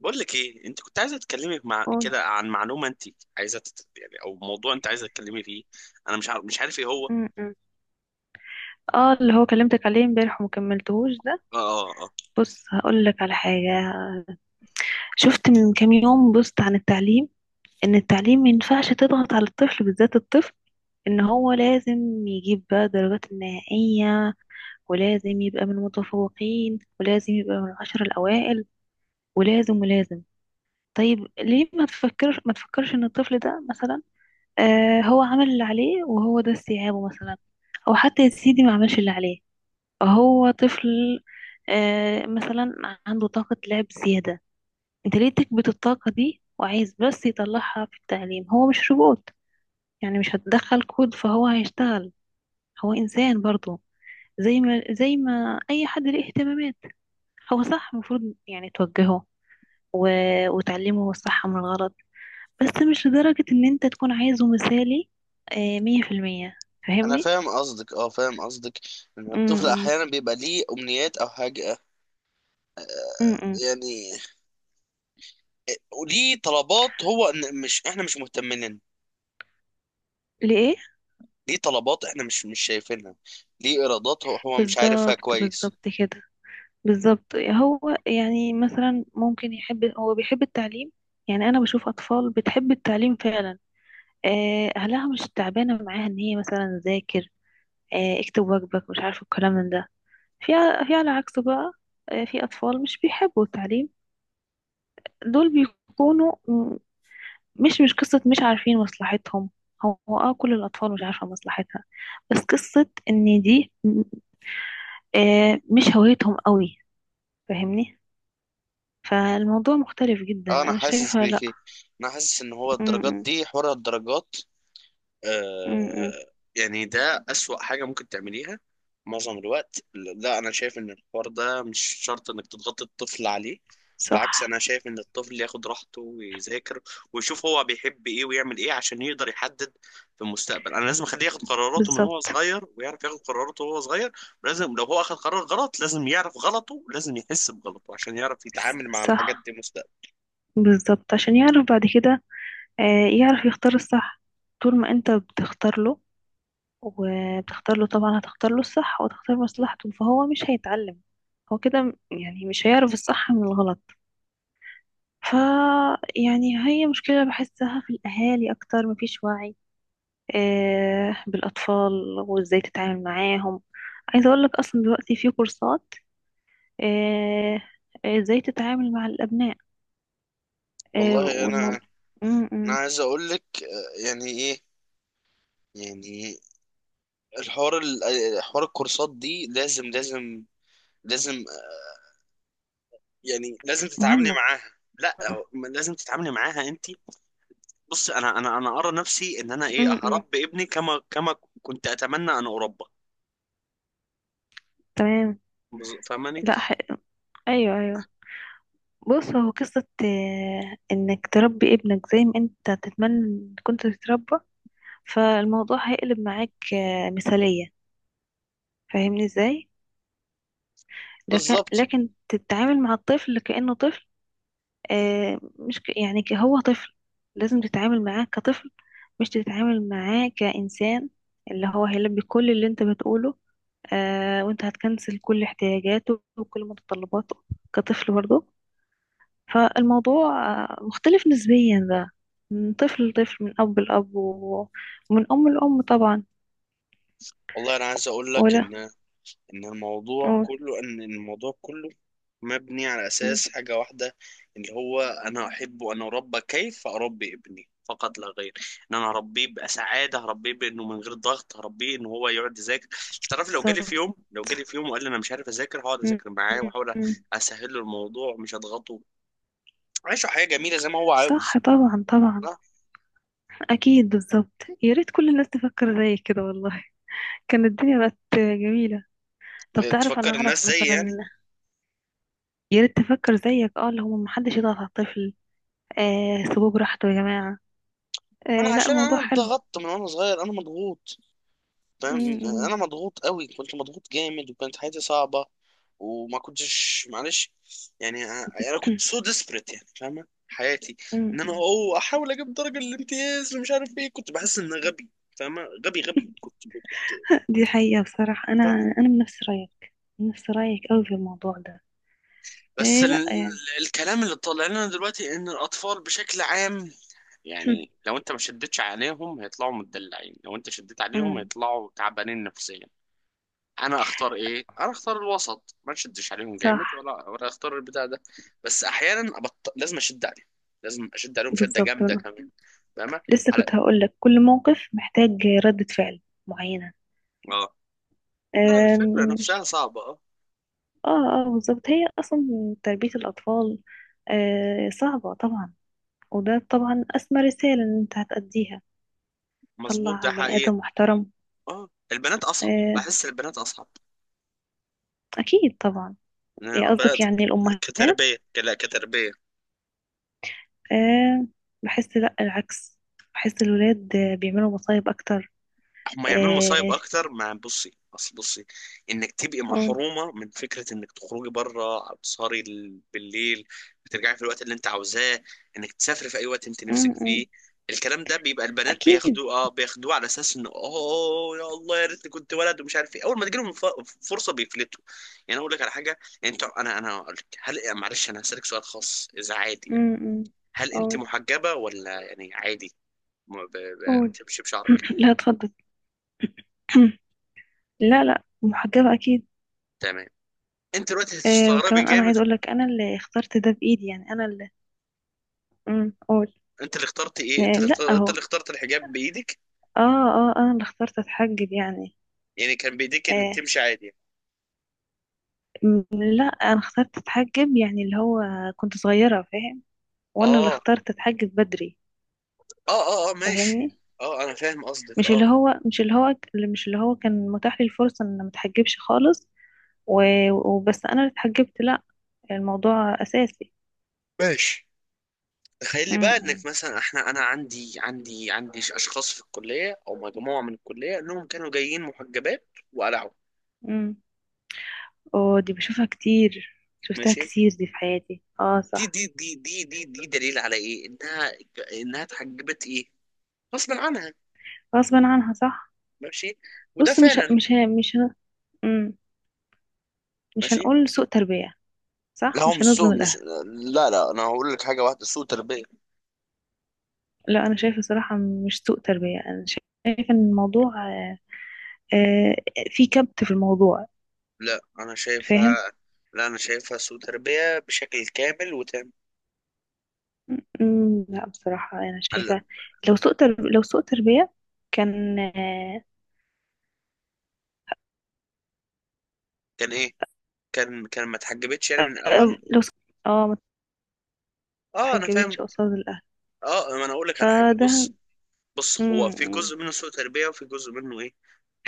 بقول لك ايه، انت كنت عايزه تتكلمي مع قول. كده عن معلومه، انت عايزه يعني او موضوع انت عايزه تتكلمي فيه. انا مش عارف ايه هو. م. اه، اللي هو كلمتك عليه امبارح ومكملتهوش ده. اه، اه، اه. بص، هقول لك على حاجة. شفت من كام يوم بوست عن التعليم، ان التعليم ما ينفعش تضغط على الطفل، بالذات الطفل. ان هو لازم يجيب بقى الدرجات النهائية، ولازم يبقى من المتفوقين، ولازم يبقى من العشر الاوائل، ولازم. طيب ليه ما تفكرش ان الطفل ده مثلا هو عمل اللي عليه، وهو ده استيعابه مثلا، او حتى يا سيدي ما عملش اللي عليه. هو طفل. مثلا، عنده طاقة لعب زيادة. انت ليه تكبت الطاقة دي وعايز بس يطلعها في التعليم؟ هو مش روبوت، يعني مش هتدخل كود فهو هيشتغل. هو إنسان برضه، زي ما أي حد ليه اهتمامات. هو صح المفروض يعني توجهه و... وتعلمه الصح من الغلط. بس مش لدرجة إن انت تكون عايزه مثالي آه، مية في المية. انا فاهمني؟ فاهم قصدك، اه، فاهم قصدك. ان م- الطفل م- احيانا بيبقى ليه امنيات او حاجه، م- م. يعني، وليه طلبات هو، إن مش احنا مش مهتمين لنا. ليه؟ ليه طلبات احنا مش شايفينها، ليه ارادات هو مش عارفها بالظبط، كويس. بالظبط كده. بالظبط، هو يعني مثلا ممكن يحب، هو بيحب التعليم. يعني انا بشوف اطفال بتحب التعليم فعلا، آه، اهلها مش تعبانه معاها ان هي مثلا ذاكر، آه، اكتب واجبك، مش عارفه الكلام من ده. في في على عكسه بقى، آه، في اطفال مش بيحبوا التعليم. دول بيكونوا مش قصه مش عارفين مصلحتهم. هو اه، كل الاطفال مش عارفه مصلحتها. بس قصه ان دي آه، مش هويتهم قوي، فاهمني؟ فالموضوع مختلف جدا، آه، انا انا حاسس شايفه لا. بيكي. انا حاسس ان هو الدرجات امم دي حوار الدرجات امم امم. آه يعني ده أسوأ حاجة ممكن تعمليها معظم الوقت. لا، أنا شايف إن الحوار ده مش شرط إنك تضغط الطفل عليه. صح، بالعكس، أنا شايف إن الطفل ياخد راحته ويذاكر، ويشوف هو بيحب إيه ويعمل إيه عشان يقدر يحدد في المستقبل. أنا لازم أخليه ياخد قراراته من هو بالظبط. صغير، ويعرف ياخد قراراته وهو صغير. لازم لو هو أخد قرار غلط، لازم يعرف غلطه، لازم يحس بغلطه عشان يعرف يتعامل مع الحاجات صح، دي مستقبلا. بالظبط. عشان يعرف بعد كده آه، يعرف يختار الصح. طول ما انت بتختار له، وبتختار له طبعا هتختار له الصح وتختار مصلحته، فهو مش هيتعلم. هو كده يعني مش هيعرف الصح من الغلط. ف يعني هي مشكلة بحسها في الأهالي أكتر. مفيش وعي آه، بالأطفال وإزاي تتعامل معاهم. عايزة أقولك أصلا دلوقتي في كورسات آه، آه، ازاي تتعامل مع الابناء آه، والله، أنا والموضوع م- أنا م. عايز أقول لك يعني إيه، يعني حوار الكورسات دي لازم، لازم، لازم. يعني لازم تتعاملي مهمة. معاها. لا، ما لازم تتعاملي معاها انت. بص، انا ارى نفسي ان انا ايه م- م. هربي ابني كما كنت اتمنى ان اربى. تمام. فاهماني؟ لا ح... ايوه، ايوه. بص، هو قصة آه، انك تربي ابنك زي ما انت تتمنى إن كنت تتربى، فالموضوع هيقلب معاك آه، مثالية. فاهمني ازاي؟ لكن بالظبط. لكن تتعامل مع الطفل كأنه طفل آه، مش ك- يعني ك- هو طفل، لازم تتعامل معاه كطفل، مش تتعامل معاه كإنسان اللي هو هيلبي كل اللي انت بتقوله. آه، وانت هتكنسل كل احتياجاته وكل متطلباته، كطفل برضه. فالموضوع آه مختلف نسبيا بقى، من طفل لطفل، من أب لأب ومن أم لأم طبعا. والله، انا عايز اقول لك ولا ان الموضوع قول. كله ان الموضوع كله مبني على مم، اساس حاجه واحده، اللي هو انا احبه، انا اربى كيف اربي ابني فقط لا غير. ان انا اربيه بسعاده، هربيه بانه من غير ضغط، هربيه ان هو يقعد يذاكر. تعرف، لو جالي بالظبط. في يوم لو جالي في يوم وقال لي انا مش عارف اذاكر، هقعد مم، اذاكر معاه مم، واحاول مم. اسهل له الموضوع، مش اضغطه. عيشه حياه جميله زي ما هو صح، عاوز. طبعا طبعا. أكيد، بالظبط. يا ريت كل الناس تفكر زي كده والله، كانت الدنيا بقت جميلة. طب لا تعرف، انا تفكر اعرف الناس زي، مثلا. يعني، يا ريت تفكر زيك اه، اللي هم محدش يضغط على الطفل آه، سيبوه براحته يا جماعة. ما آه انا لا، عشان الموضوع انا حلو. اتضغطت من وانا صغير، انا مضغوط. م- فاهم؟ م- انا مضغوط قوي، كنت مضغوط جامد وكانت حياتي صعبه، وما كنتش، معلش، يعني انا كنت سو ديسبريت، يعني فاهمه حياتي. م- ان انا م. احاول اجيب درجه الامتياز ومش عارف ايه، كنت بحس ان غبي. فاهمه؟ غبي، غبي كنت. دي حقيقة بصراحة. فاهمه؟ انا من نفس رأيك، من نفس رأيك قوي في الموضوع ده. بس آه لا، ال... يعني. الكلام اللي طالع لنا دلوقتي ان الاطفال بشكل عام، يعني لو انت ما شدتش عليهم هيطلعوا متدلعين، لو انت شديت عليهم م. هيطلعوا تعبانين نفسيا. انا اختار ايه؟ انا اختار الوسط، ما نشدش عليهم صح، جامد ولا اختار البتاع ده. بس احيانا لازم اشد عليهم، لازم اشد عليهم شده بالظبط. جامده أنا كمان. فاهمه؟ لسه على، كنت هقول لك كل موقف محتاج ردة فعل معينة. اه. لا الفكره مش نفسها صعبه، اه. اه، اه بالظبط. هي اصلا تربية الاطفال آه صعبة طبعا، وده طبعا أسمى رسالة إن أنت هتأديها. مظبوط، ده طلع بني حقيقي. آدم محترم اه، البنات اصعب، آه، بحس البنات اصعب. أكيد طبعا. انا إيه قصدك، بدات يعني الأمهات؟ كتربيه، لا، كتربيه. آه. بحس لأ، العكس، بحس الولاد آه، بيعملوا مصايب أكتر. هم يعملوا مصايب آه، اكتر. مع بصي، اصل بصي، انك تبقي قول. محرومه من فكره انك تخرجي بره، تسهري بالليل، بترجعي في الوقت اللي انت عاوزاه، انك تسافري في اي وقت انت م- نفسك م. فيه. الكلام ده بيبقى البنات أكيد. بياخدوه على اساس انه اوه يا الله يا ريتني كنت ولد ومش عارف ايه. اول ما تجيلهم فرصه بيفلتوا. يعني أنا اقول لك على حاجه. انت انا انا هقول لك، هل، معلش، انا هسالك سؤال خاص اذا عادي، م- يعني. م. هل انت قول. محجبه ولا، يعني، عادي؟ ما قول. بتمشي بشعرك. لا، اتفضل. لا لا، محجبة أكيد. تمام. انت دلوقتي آه، هتستغربي وكمان أنا عايز جامد. أقولك، أنا اللي اخترت ده بإيدي، يعني أنا اللي، مم، قول. انت اللي اخترت آه ايه؟ انت اللي لا اخترت، انت أهو، اللي اخترت الحجاب بايدك؟ آه، آه، أنا اللي اخترت أتحجب يعني. يعني كان بايديك ان آه، تمشي عادي. لا، انا اخترت اتحجب، يعني اللي هو كنت صغيرة، فاهم. اه، وانا اللي اه، اخترت اتحجب بدري، اه، اه، ماشي. فاهمني؟ اه، انا فاهم قصدك، مش اه، اللي هو مش اللي هو مش اللي هو كان متاح لي الفرصة ان أنا ما اتحجبش خالص وبس انا اللي اتحجبت. لا، الموضوع اساسي. ماشي. تخيل لي بقى، امم، انك مثلا احنا، انا عندي اشخاص في الكليه، او مجموعه من الكليه، انهم كانوا جايين محجبات وقلعوا. امم. اه، دي بشوفها كتير، شفتها ماشي. كتير دي في حياتي، اه دي صح. دي دي دي دي دي دليل على ايه، انها، انها اتحجبت ايه، غصب عنها. غصبا عنها صح. ماشي، وده بص، مش ه- فعلا. مش ه- مش ه- مم. مش ماشي. هنقول سوء تربية. لا صح، هو مش مش هنظلم سوء مش الاهل. لا، لا، انا هقول لك حاجه واحده، سوء تربيه. لا، انا شايفه صراحه مش سوء تربيه. انا شايفه ان الموضوع آه، آه، في كبت في الموضوع، لا انا شايفها، فاهم. لا انا شايفها سوء تربيه بشكل كامل وتام. أمم، لا بصراحه انا هلا. شايفه. لو سوء تربيه كان آه، كان ايه؟ كان ما اتحجبتش، يعني، من الاول. أو لو سوء... اه، ما اه، انا اتحجبتش فاهم. قصاد الاهل اه، ما انا اقول لك على حاجه، فده. بص. بص، هو في امم. جزء منه سوء تربيه، وفي جزء منه ايه،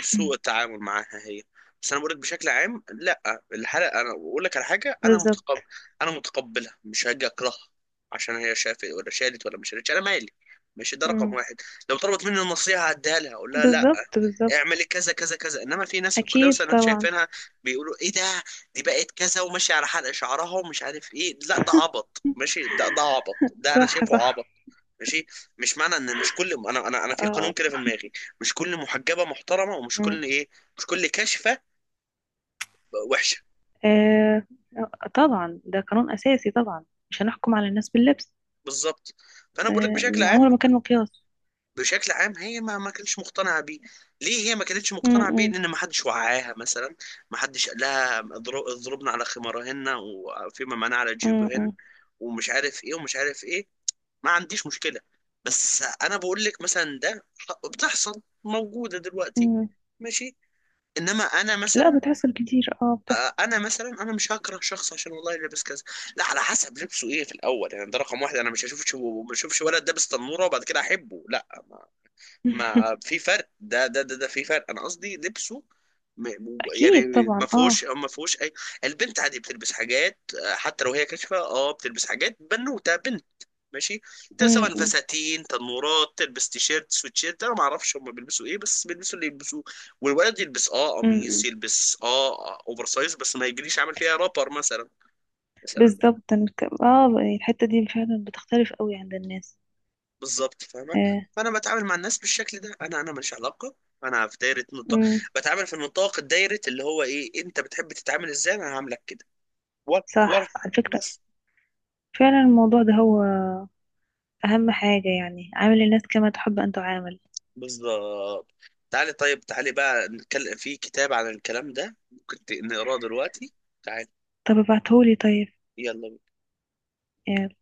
سوء التعامل معاها هي. بس انا بقول لك بشكل عام، لا الحلقه انا بقول لك على حاجه، انا متقبل، بالظبط. انا متقبلها، مش هاجي اكرهها عشان هي شافت ولا شالت ولا مش شالت، انا مالي. ماشي، ده رقم امم، واحد. لو طلبت مني النصيحه هديها لها، اقول لها لا، بالظبط، بالظبط. اعملي كذا كذا كذا. انما في ناس في الكليه اكيد مثلا أنا طبعا. شايفينها بيقولوا ايه ده، دي بقت كذا وماشيه على حلق شعرها ومش عارف ايه. لا ده عبط، ماشي، ده عبط، ده انا صح، شايفه صح. عبط. ماشي. مش معنى ان مش كل، انا في قانون آه. كده في دماغي، مش كل محجبه محترمه، ومش امم. كل ايه، مش كل كاشفه وحشه. آه. آه، طبعا ده قانون اساسي طبعا، مش هنحكم على الناس باللبس بالظبط. فانا بقول لك آه، بشكل عام، عمره ما كان مقياس. بشكل عام هي ما كانتش مقتنعه بيه. ليه هي ما كانتش م- مقتنعه بيه؟ م- لان ما حدش وعاها، مثلا ما حدش قال لها اضربنا على خمارهن، وفيما معناه على م- جيوبهن، م- ومش عارف ايه، ومش عارف ايه. ما عنديش مشكله. بس انا بقول لك مثلا ده بتحصل، موجوده دلوقتي. م. ماشي. انما انا لا، مثلا، بتحصل كتير، اه بتحصل. انا مثلا انا مش هكره شخص عشان، والله، لابس كذا. لا، على حسب لبسه ايه في الاول، يعني ده رقم واحد. انا مش هشوفش ولد لابس تنوره وبعد كده احبه، لا. ما في فرق، ده في فرق، انا قصدي لبسه. يعني اكيد ما طبعا اه. فيهوش اي. البنت عادي بتلبس حاجات، حتى لو هي كاشفه بتلبس حاجات بنوته، بنت. ماشي. م- سواء م- فساتين، تنورات، تلبس تيشيرت، سويتشيرت، انا ما اعرفش هم بيلبسوا ايه، بس بيلبسوا اللي يلبسوه. والولد يلبس م- قميص، م. يلبس اوفر سايز، بس ما يجريش عامل فيها رابر مثلا. مثلا. بالظبط أنا اه، يعني الحتة دي فعلا بتختلف قوي عند الناس. بالظبط، فاهمه. آه. فانا بتعامل مع الناس بالشكل ده، انا ماليش علاقه. انا في دايره، نطاق، م. بتعامل في النطاق، الدايره، اللي هو ايه، انت بتحب تتعامل ازاي انا هعاملك كده. ورا، ورا، صح، على فكرة بس. فعلا الموضوع ده هو اهم حاجة، يعني عامل الناس كما تحب ان تعامل. بالظبط. تعالي طيب، تعالي بقى نتكلم في كتاب عن الكلام ده. ممكن نقراه دلوقتي. تعالي، طب ابعتهولي طيب، يلا. يعني.